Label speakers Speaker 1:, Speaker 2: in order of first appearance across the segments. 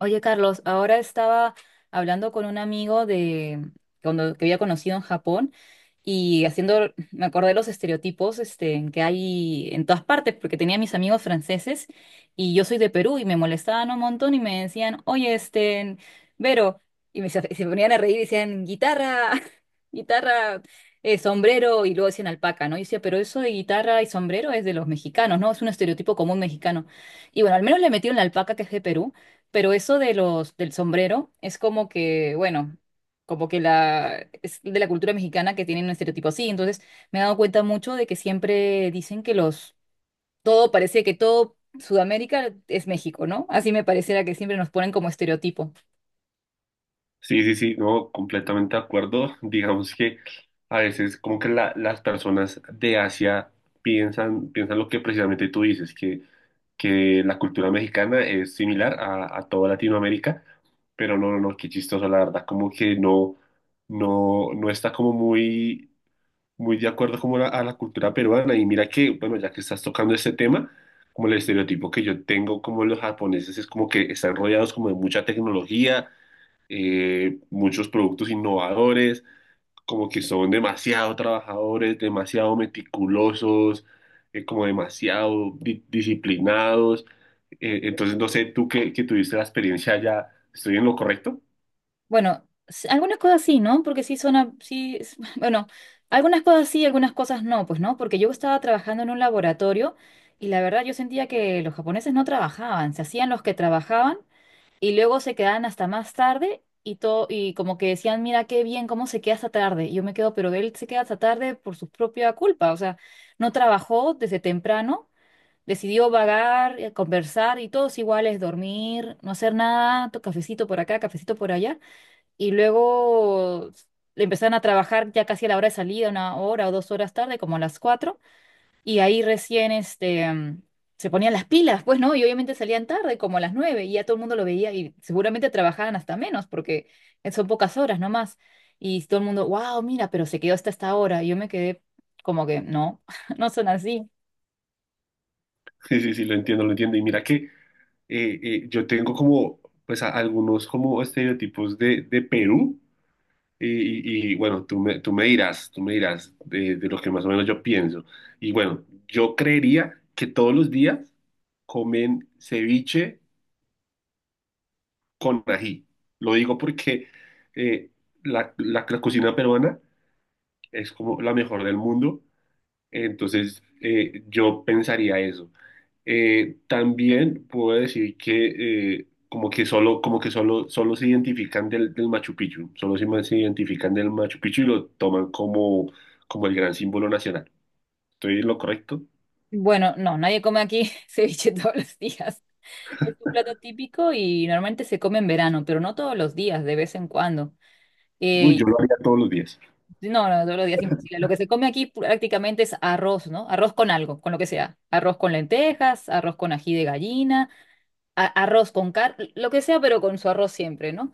Speaker 1: Oye, Carlos, ahora estaba hablando con un amigo de cuando que había conocido en Japón y haciendo, me acordé de los estereotipos este, que hay en todas partes, porque tenía mis amigos franceses y yo soy de Perú y me molestaban un montón y me decían, oye, este, Vero, y me, se ponían a reír y decían, guitarra, guitarra, sombrero y luego decían alpaca, ¿no? Y decía, pero eso de guitarra y sombrero es de los mexicanos, ¿no? Es un estereotipo común mexicano. Y bueno, al menos le metieron la alpaca que es de Perú. Pero eso de los del sombrero es como que, bueno, como que la es de la cultura mexicana que tienen un estereotipo así. Entonces, me he dado cuenta mucho de que siempre dicen que los todo parece que todo Sudamérica es México, ¿no? Así me pareciera que siempre nos ponen como estereotipo.
Speaker 2: Sí, sí, sí, no, completamente de acuerdo. Digamos que a veces como que las personas de Asia piensan lo que precisamente tú dices, que la cultura mexicana es similar a toda Latinoamérica, pero no, no, no, qué chistoso, la verdad, como que no, no, no está como muy, muy de acuerdo como a la cultura peruana. Y mira que, bueno, ya que estás tocando este tema, como el estereotipo que yo tengo como los japoneses es como que están rodeados como de mucha tecnología, muchos productos innovadores, como que son demasiado trabajadores, demasiado meticulosos, como demasiado disciplinados. Entonces, no sé, tú que tuviste la experiencia ya, ¿estoy en lo correcto?
Speaker 1: Bueno, algunas cosas sí, ¿no? Porque sí son sí, bueno, algunas cosas sí, algunas cosas no, pues no, porque yo estaba trabajando en un laboratorio y la verdad yo sentía que los japoneses no trabajaban, se hacían los que trabajaban y luego se quedaban hasta más tarde y todo, y como que decían, mira qué bien, cómo se queda hasta tarde. Y yo me quedo, pero él se queda hasta tarde por su propia culpa, o sea, no trabajó desde temprano, decidió vagar, conversar y todos iguales, dormir, no hacer nada, cafecito por acá, cafecito por allá. Y luego le empezaron a trabajar ya casi a la hora de salida, una hora o dos horas tarde, como a las cuatro. Y ahí recién este, se ponían las pilas, pues, ¿no? Y obviamente salían tarde, como a las nueve, y ya todo el mundo lo veía y seguramente trabajaban hasta menos, porque son pocas horas nomás. Y todo el mundo, wow, mira, pero se quedó hasta esta hora. Y yo me quedé como que, no, no son así.
Speaker 2: Sí, sí, sí, lo entiendo, lo entiendo. Y mira que yo tengo como, pues, algunos como estereotipos de Perú. Y, y, bueno, tú me dirás de lo que más o menos yo pienso. Y bueno, yo creería que todos los días comen ceviche con ají. Lo digo porque eh, la, la cocina peruana es como la mejor del mundo, entonces, yo pensaría eso. También puedo decir que como que solo, solo se identifican del, del Machu Picchu, solo se, se identifican del Machu Picchu y lo toman como, como el gran símbolo nacional. ¿Estoy en lo correcto?
Speaker 1: Bueno, no, nadie come aquí ceviche todos los días. Es un plato típico y normalmente se come en verano, pero no todos los días, de vez en cuando.
Speaker 2: Uy,
Speaker 1: Eh,
Speaker 2: yo lo haría todos los días.
Speaker 1: Sí, no, no, todos los días imposible. Lo que se come aquí prácticamente es arroz, ¿no? Arroz con algo, con lo que sea. Arroz con lentejas, arroz con ají de gallina, arroz con carne, lo que sea, pero con su arroz siempre, ¿no?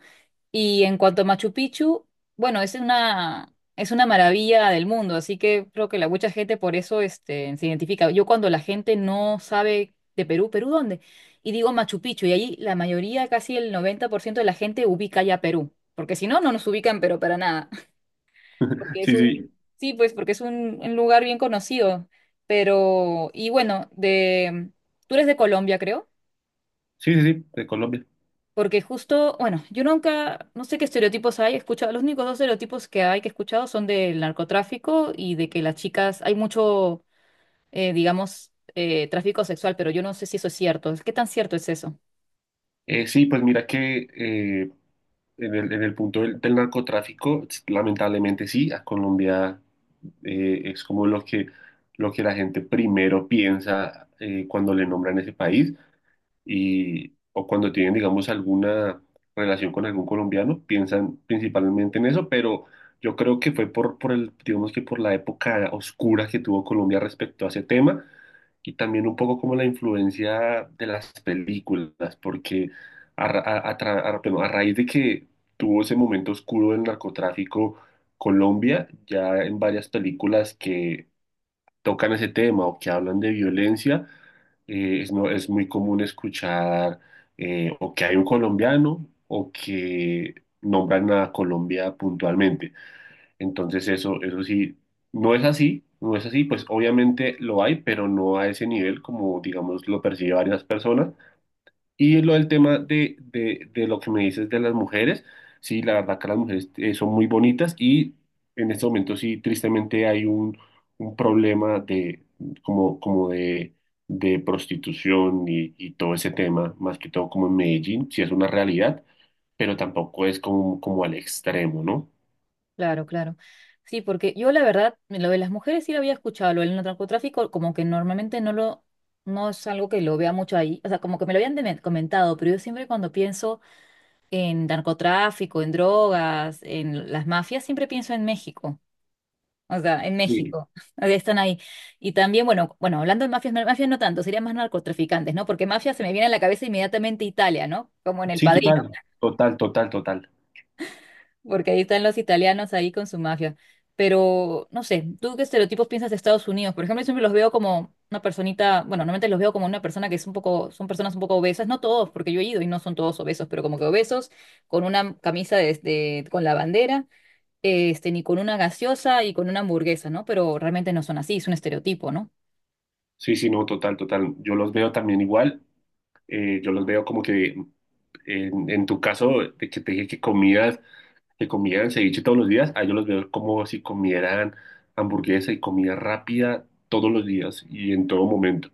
Speaker 1: Y en cuanto a Machu Picchu, bueno, es una maravilla del mundo, así que creo que la mucha gente por eso este, se identifica. Yo cuando la gente no sabe de Perú, ¿Perú dónde? Y digo Machu Picchu, y ahí la mayoría, casi el 90% de la gente ubica ya Perú, porque si no, no nos ubican, pero para nada porque es
Speaker 2: Sí,
Speaker 1: un,
Speaker 2: sí,
Speaker 1: sí, pues porque es un lugar bien conocido, pero, y bueno, de, tú eres de Colombia, creo,
Speaker 2: sí, sí, sí, de Colombia.
Speaker 1: porque justo, bueno, yo nunca, no sé qué estereotipos hay, he escuchado, los únicos dos estereotipos que hay que he escuchado son del narcotráfico y de que las chicas, hay mucho, digamos, tráfico sexual, pero yo no sé si eso es cierto, ¿qué tan cierto es eso?
Speaker 2: Sí, pues mira que en el, en el punto del, del narcotráfico, lamentablemente sí, a Colombia es como lo que la gente primero piensa, cuando le nombran ese país y, o cuando tienen, digamos, alguna relación con algún colombiano, piensan principalmente en eso, pero yo creo que fue por el, digamos que por la época oscura que tuvo Colombia respecto a ese tema y también un poco como la influencia de las películas, porque a, ra- a tra- a- perdón, a raíz de que tuvo ese momento oscuro del narcotráfico, Colombia, ya en varias películas que tocan ese tema o que hablan de violencia, es, no, es muy común escuchar o que hay un colombiano o que nombran a Colombia puntualmente. Entonces eso sí, no es así, no es así, pues obviamente lo hay, pero no a ese nivel como digamos lo percibe varias personas. Y lo del tema de lo que me dices de las mujeres, sí, la verdad que las mujeres son muy bonitas y en este momento sí, tristemente hay un problema de, como, como de prostitución y todo ese tema, más que todo como en Medellín, sí es una realidad, pero tampoco es como, como al extremo, ¿no?
Speaker 1: Claro, claro. Sí, porque yo la verdad, lo de las mujeres sí lo había escuchado, lo del narcotráfico, como que normalmente no lo, no es algo que lo vea mucho ahí, o sea, como que me lo habían comentado, pero yo siempre cuando pienso en narcotráfico, en drogas, en las mafias, siempre pienso en México, o sea, en
Speaker 2: Sí,
Speaker 1: México, o sea, están ahí. Y también, bueno, bueno, hablando de mafias, mafias no tanto, serían más narcotraficantes, ¿no? Porque mafia se me viene a la cabeza inmediatamente Italia, ¿no? Como en El
Speaker 2: sí,
Speaker 1: Padrino.
Speaker 2: total, total, total, total.
Speaker 1: Porque ahí están los italianos ahí con su mafia. Pero, no sé, ¿tú qué estereotipos piensas de Estados Unidos? Por ejemplo, yo siempre los veo como una personita, bueno, normalmente los veo como una persona que es un poco, son personas un poco obesas, no todos, porque yo he ido y no son todos obesos, pero como que obesos, con una camisa de, con la bandera, este, ni con una gaseosa y con una hamburguesa, ¿no? Pero realmente no son así, es un estereotipo, ¿no?
Speaker 2: Sí, sí, no, total, total. Yo los veo también igual. Yo los veo como que en tu caso, de que te dije que comías, que comieran ceviche todos los días, a ellos los veo como si comieran hamburguesa y comida rápida todos los días y en todo momento.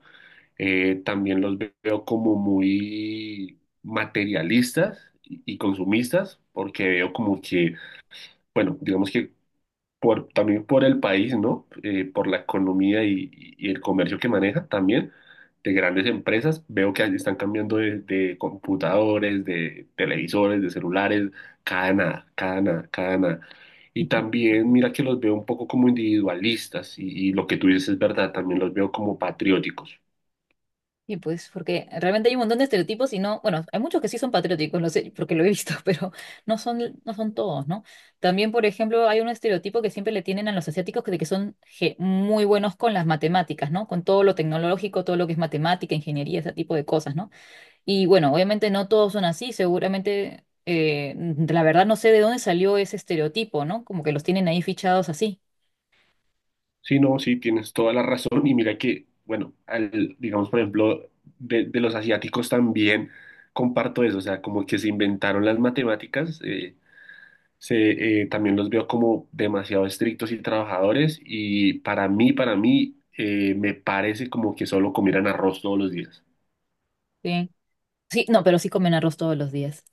Speaker 2: También los veo como muy materialistas y consumistas, porque veo como que, bueno, digamos que por, también por el país, ¿no? Por la economía y el comercio que maneja también de grandes empresas. Veo que están cambiando de computadores, de televisores, de celulares, cada nada, cada nada, cada nada. Y también mira que los veo un poco como individualistas y lo que tú dices es verdad, también los veo como patrióticos.
Speaker 1: Y pues, porque realmente hay un montón de estereotipos y no, bueno, hay muchos que sí son patrióticos, no sé, porque lo he visto, pero no son, no son todos, ¿no? También, por ejemplo, hay un estereotipo que siempre le tienen a los asiáticos de que son muy buenos con las matemáticas, ¿no? Con todo lo tecnológico, todo lo que es matemática, ingeniería, ese tipo de cosas, ¿no? Y bueno, obviamente no todos son así, seguramente, la verdad no sé de dónde salió ese estereotipo, ¿no? Como que los tienen ahí fichados así.
Speaker 2: Sí, no, sí, tienes toda la razón. Y mira que, bueno, digamos, por ejemplo, de los asiáticos también comparto eso, o sea, como que se inventaron las matemáticas, también los veo como demasiado estrictos y trabajadores y para mí, me parece como que solo comieran arroz todos los días.
Speaker 1: Sí, sí, no, pero sí comen arroz todos los días.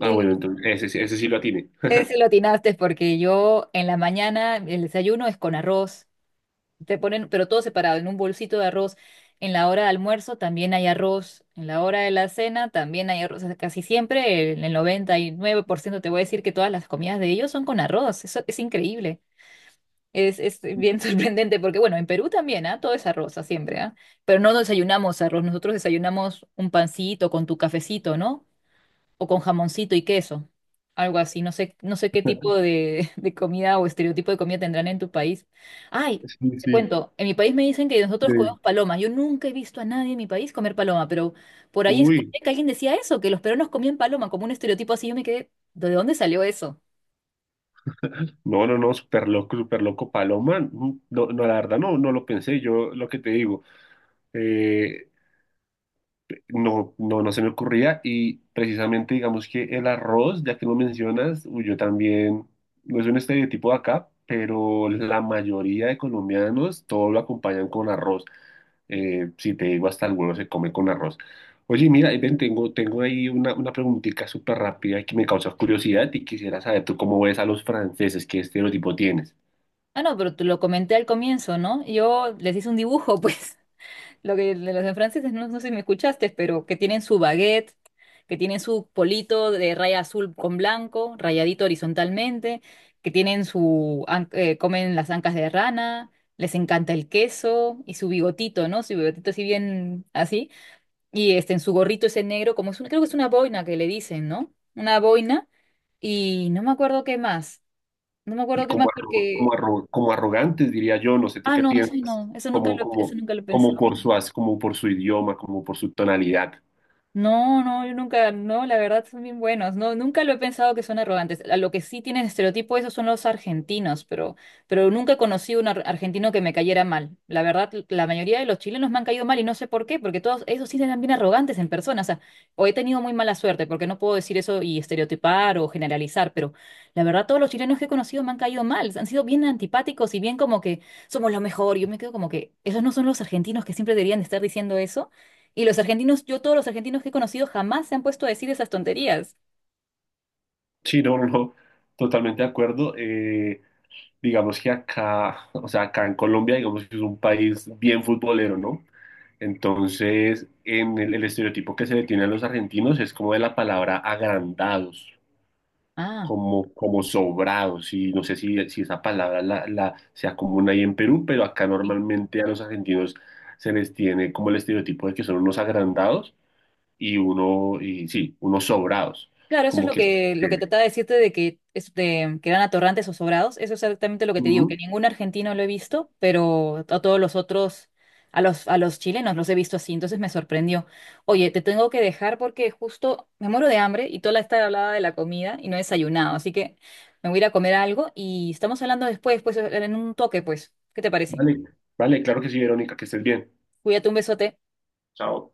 Speaker 2: Ah,
Speaker 1: Sí,
Speaker 2: bueno, entonces ese, ese sí lo atiene.
Speaker 1: ese lo atinaste porque yo en la mañana el desayuno es con arroz. Te ponen, pero todo separado, en un bolsito de arroz. En la hora de almuerzo también hay arroz. En la hora de la cena también hay arroz. O sea, casi siempre, en el 99% te voy a decir que todas las comidas de ellos son con arroz. Eso es increíble. Es bien sorprendente porque, bueno, en Perú también, ¿ah? Todo es arroz, ah, siempre, ¿ah? Pero no desayunamos arroz. Nosotros desayunamos un pancito con tu cafecito, ¿no? O con jamoncito y queso, algo así. No sé, no sé qué tipo de, de comida o estereotipo de comida tendrán en tu país. Ay,
Speaker 2: Sí,
Speaker 1: te
Speaker 2: sí.
Speaker 1: cuento, en mi país me dicen que nosotros comemos
Speaker 2: Sí.
Speaker 1: paloma. Yo nunca he visto a nadie en mi país comer paloma, pero por ahí
Speaker 2: Uy,
Speaker 1: escuché que alguien decía eso, que los peruanos comían paloma, como un estereotipo así. Yo me quedé, ¿de dónde salió eso?
Speaker 2: no, no, no, súper loco, Paloma. Mm, no, no, la verdad, no, no lo pensé. Yo lo que te digo. eh, No, no, no se me ocurría y precisamente digamos que el arroz, ya que lo mencionas, uy, yo también, no es un estereotipo de acá, pero la mayoría de colombianos todo lo acompañan con arroz. Si te digo hasta el huevo se come con arroz. Oye, mira, ven, tengo, tengo ahí una preguntita súper rápida que me causa curiosidad y quisiera saber tú cómo ves a los franceses, qué estereotipo tienes.
Speaker 1: Ah, no, pero te lo comenté al comienzo, ¿no? Yo les hice un dibujo, pues. Lo que de los en franceses, no, no sé si me escuchaste, pero que tienen su baguette, que tienen su polito de raya azul con blanco, rayadito horizontalmente, que tienen su, comen las ancas de rana, les encanta el queso y su bigotito, ¿no? Su bigotito así bien así. Y este, en su gorrito ese negro, como es un- creo que es una boina que le dicen, ¿no? Una boina. Y no me acuerdo qué más. No me
Speaker 2: Y
Speaker 1: acuerdo qué
Speaker 2: como,
Speaker 1: más
Speaker 2: como,
Speaker 1: porque...
Speaker 2: como arrogantes, diría yo, no sé, ¿tú
Speaker 1: Ah,
Speaker 2: qué
Speaker 1: no, eso
Speaker 2: piensas?
Speaker 1: no,
Speaker 2: Como,
Speaker 1: eso
Speaker 2: como,
Speaker 1: nunca lo he
Speaker 2: como
Speaker 1: pensado.
Speaker 2: por su, como por su idioma, como por su tonalidad.
Speaker 1: No, no, yo nunca, no, la verdad son bien buenos. No, nunca lo he pensado que son arrogantes. A lo que sí tienen estereotipo esos son los argentinos, pero nunca conocí un argentino que me cayera mal. La verdad, la mayoría de los chilenos me han caído mal y no sé por qué, porque todos esos sí eran bien arrogantes en persona. O sea, o he tenido muy mala suerte, porque no puedo decir eso y estereotipar o generalizar, pero la verdad todos los chilenos que he conocido me han caído mal. Han sido bien antipáticos y bien como que somos lo mejor. Yo me quedo como que esos no son los argentinos que siempre deberían estar diciendo eso. Y los argentinos, yo todos los argentinos que he conocido jamás se han puesto a decir esas tonterías.
Speaker 2: Sí, no, no, no, totalmente de acuerdo. Digamos que acá, o sea, acá en Colombia, digamos que es un país bien futbolero, ¿no? Entonces, en el estereotipo que se le tiene a los argentinos es como de la palabra agrandados.
Speaker 1: Ah,
Speaker 2: Como, como sobrados, y no sé si, si esa palabra la, la, sea común ahí en Perú, pero acá
Speaker 1: sí.
Speaker 2: normalmente a los argentinos se les tiene como el estereotipo de que son unos agrandados y uno, y sí, unos sobrados,
Speaker 1: Claro, eso es
Speaker 2: como que...
Speaker 1: lo que
Speaker 2: que-
Speaker 1: trataba de decirte de que, este, que eran atorrantes o sobrados. Eso es exactamente lo que te digo, que
Speaker 2: Ujú.
Speaker 1: ningún argentino lo he visto, pero a todos los otros, a los chilenos los he visto así, entonces me sorprendió. Oye, te tengo que dejar porque justo me muero de hambre y toda la esta hablaba de la comida y no he desayunado, así que me voy a ir a comer algo y estamos hablando después, pues en un toque, pues. ¿Qué te parece?
Speaker 2: Vale, vale, claro que sí, Verónica, que estés bien.
Speaker 1: Cuídate, un besote.
Speaker 2: Chao.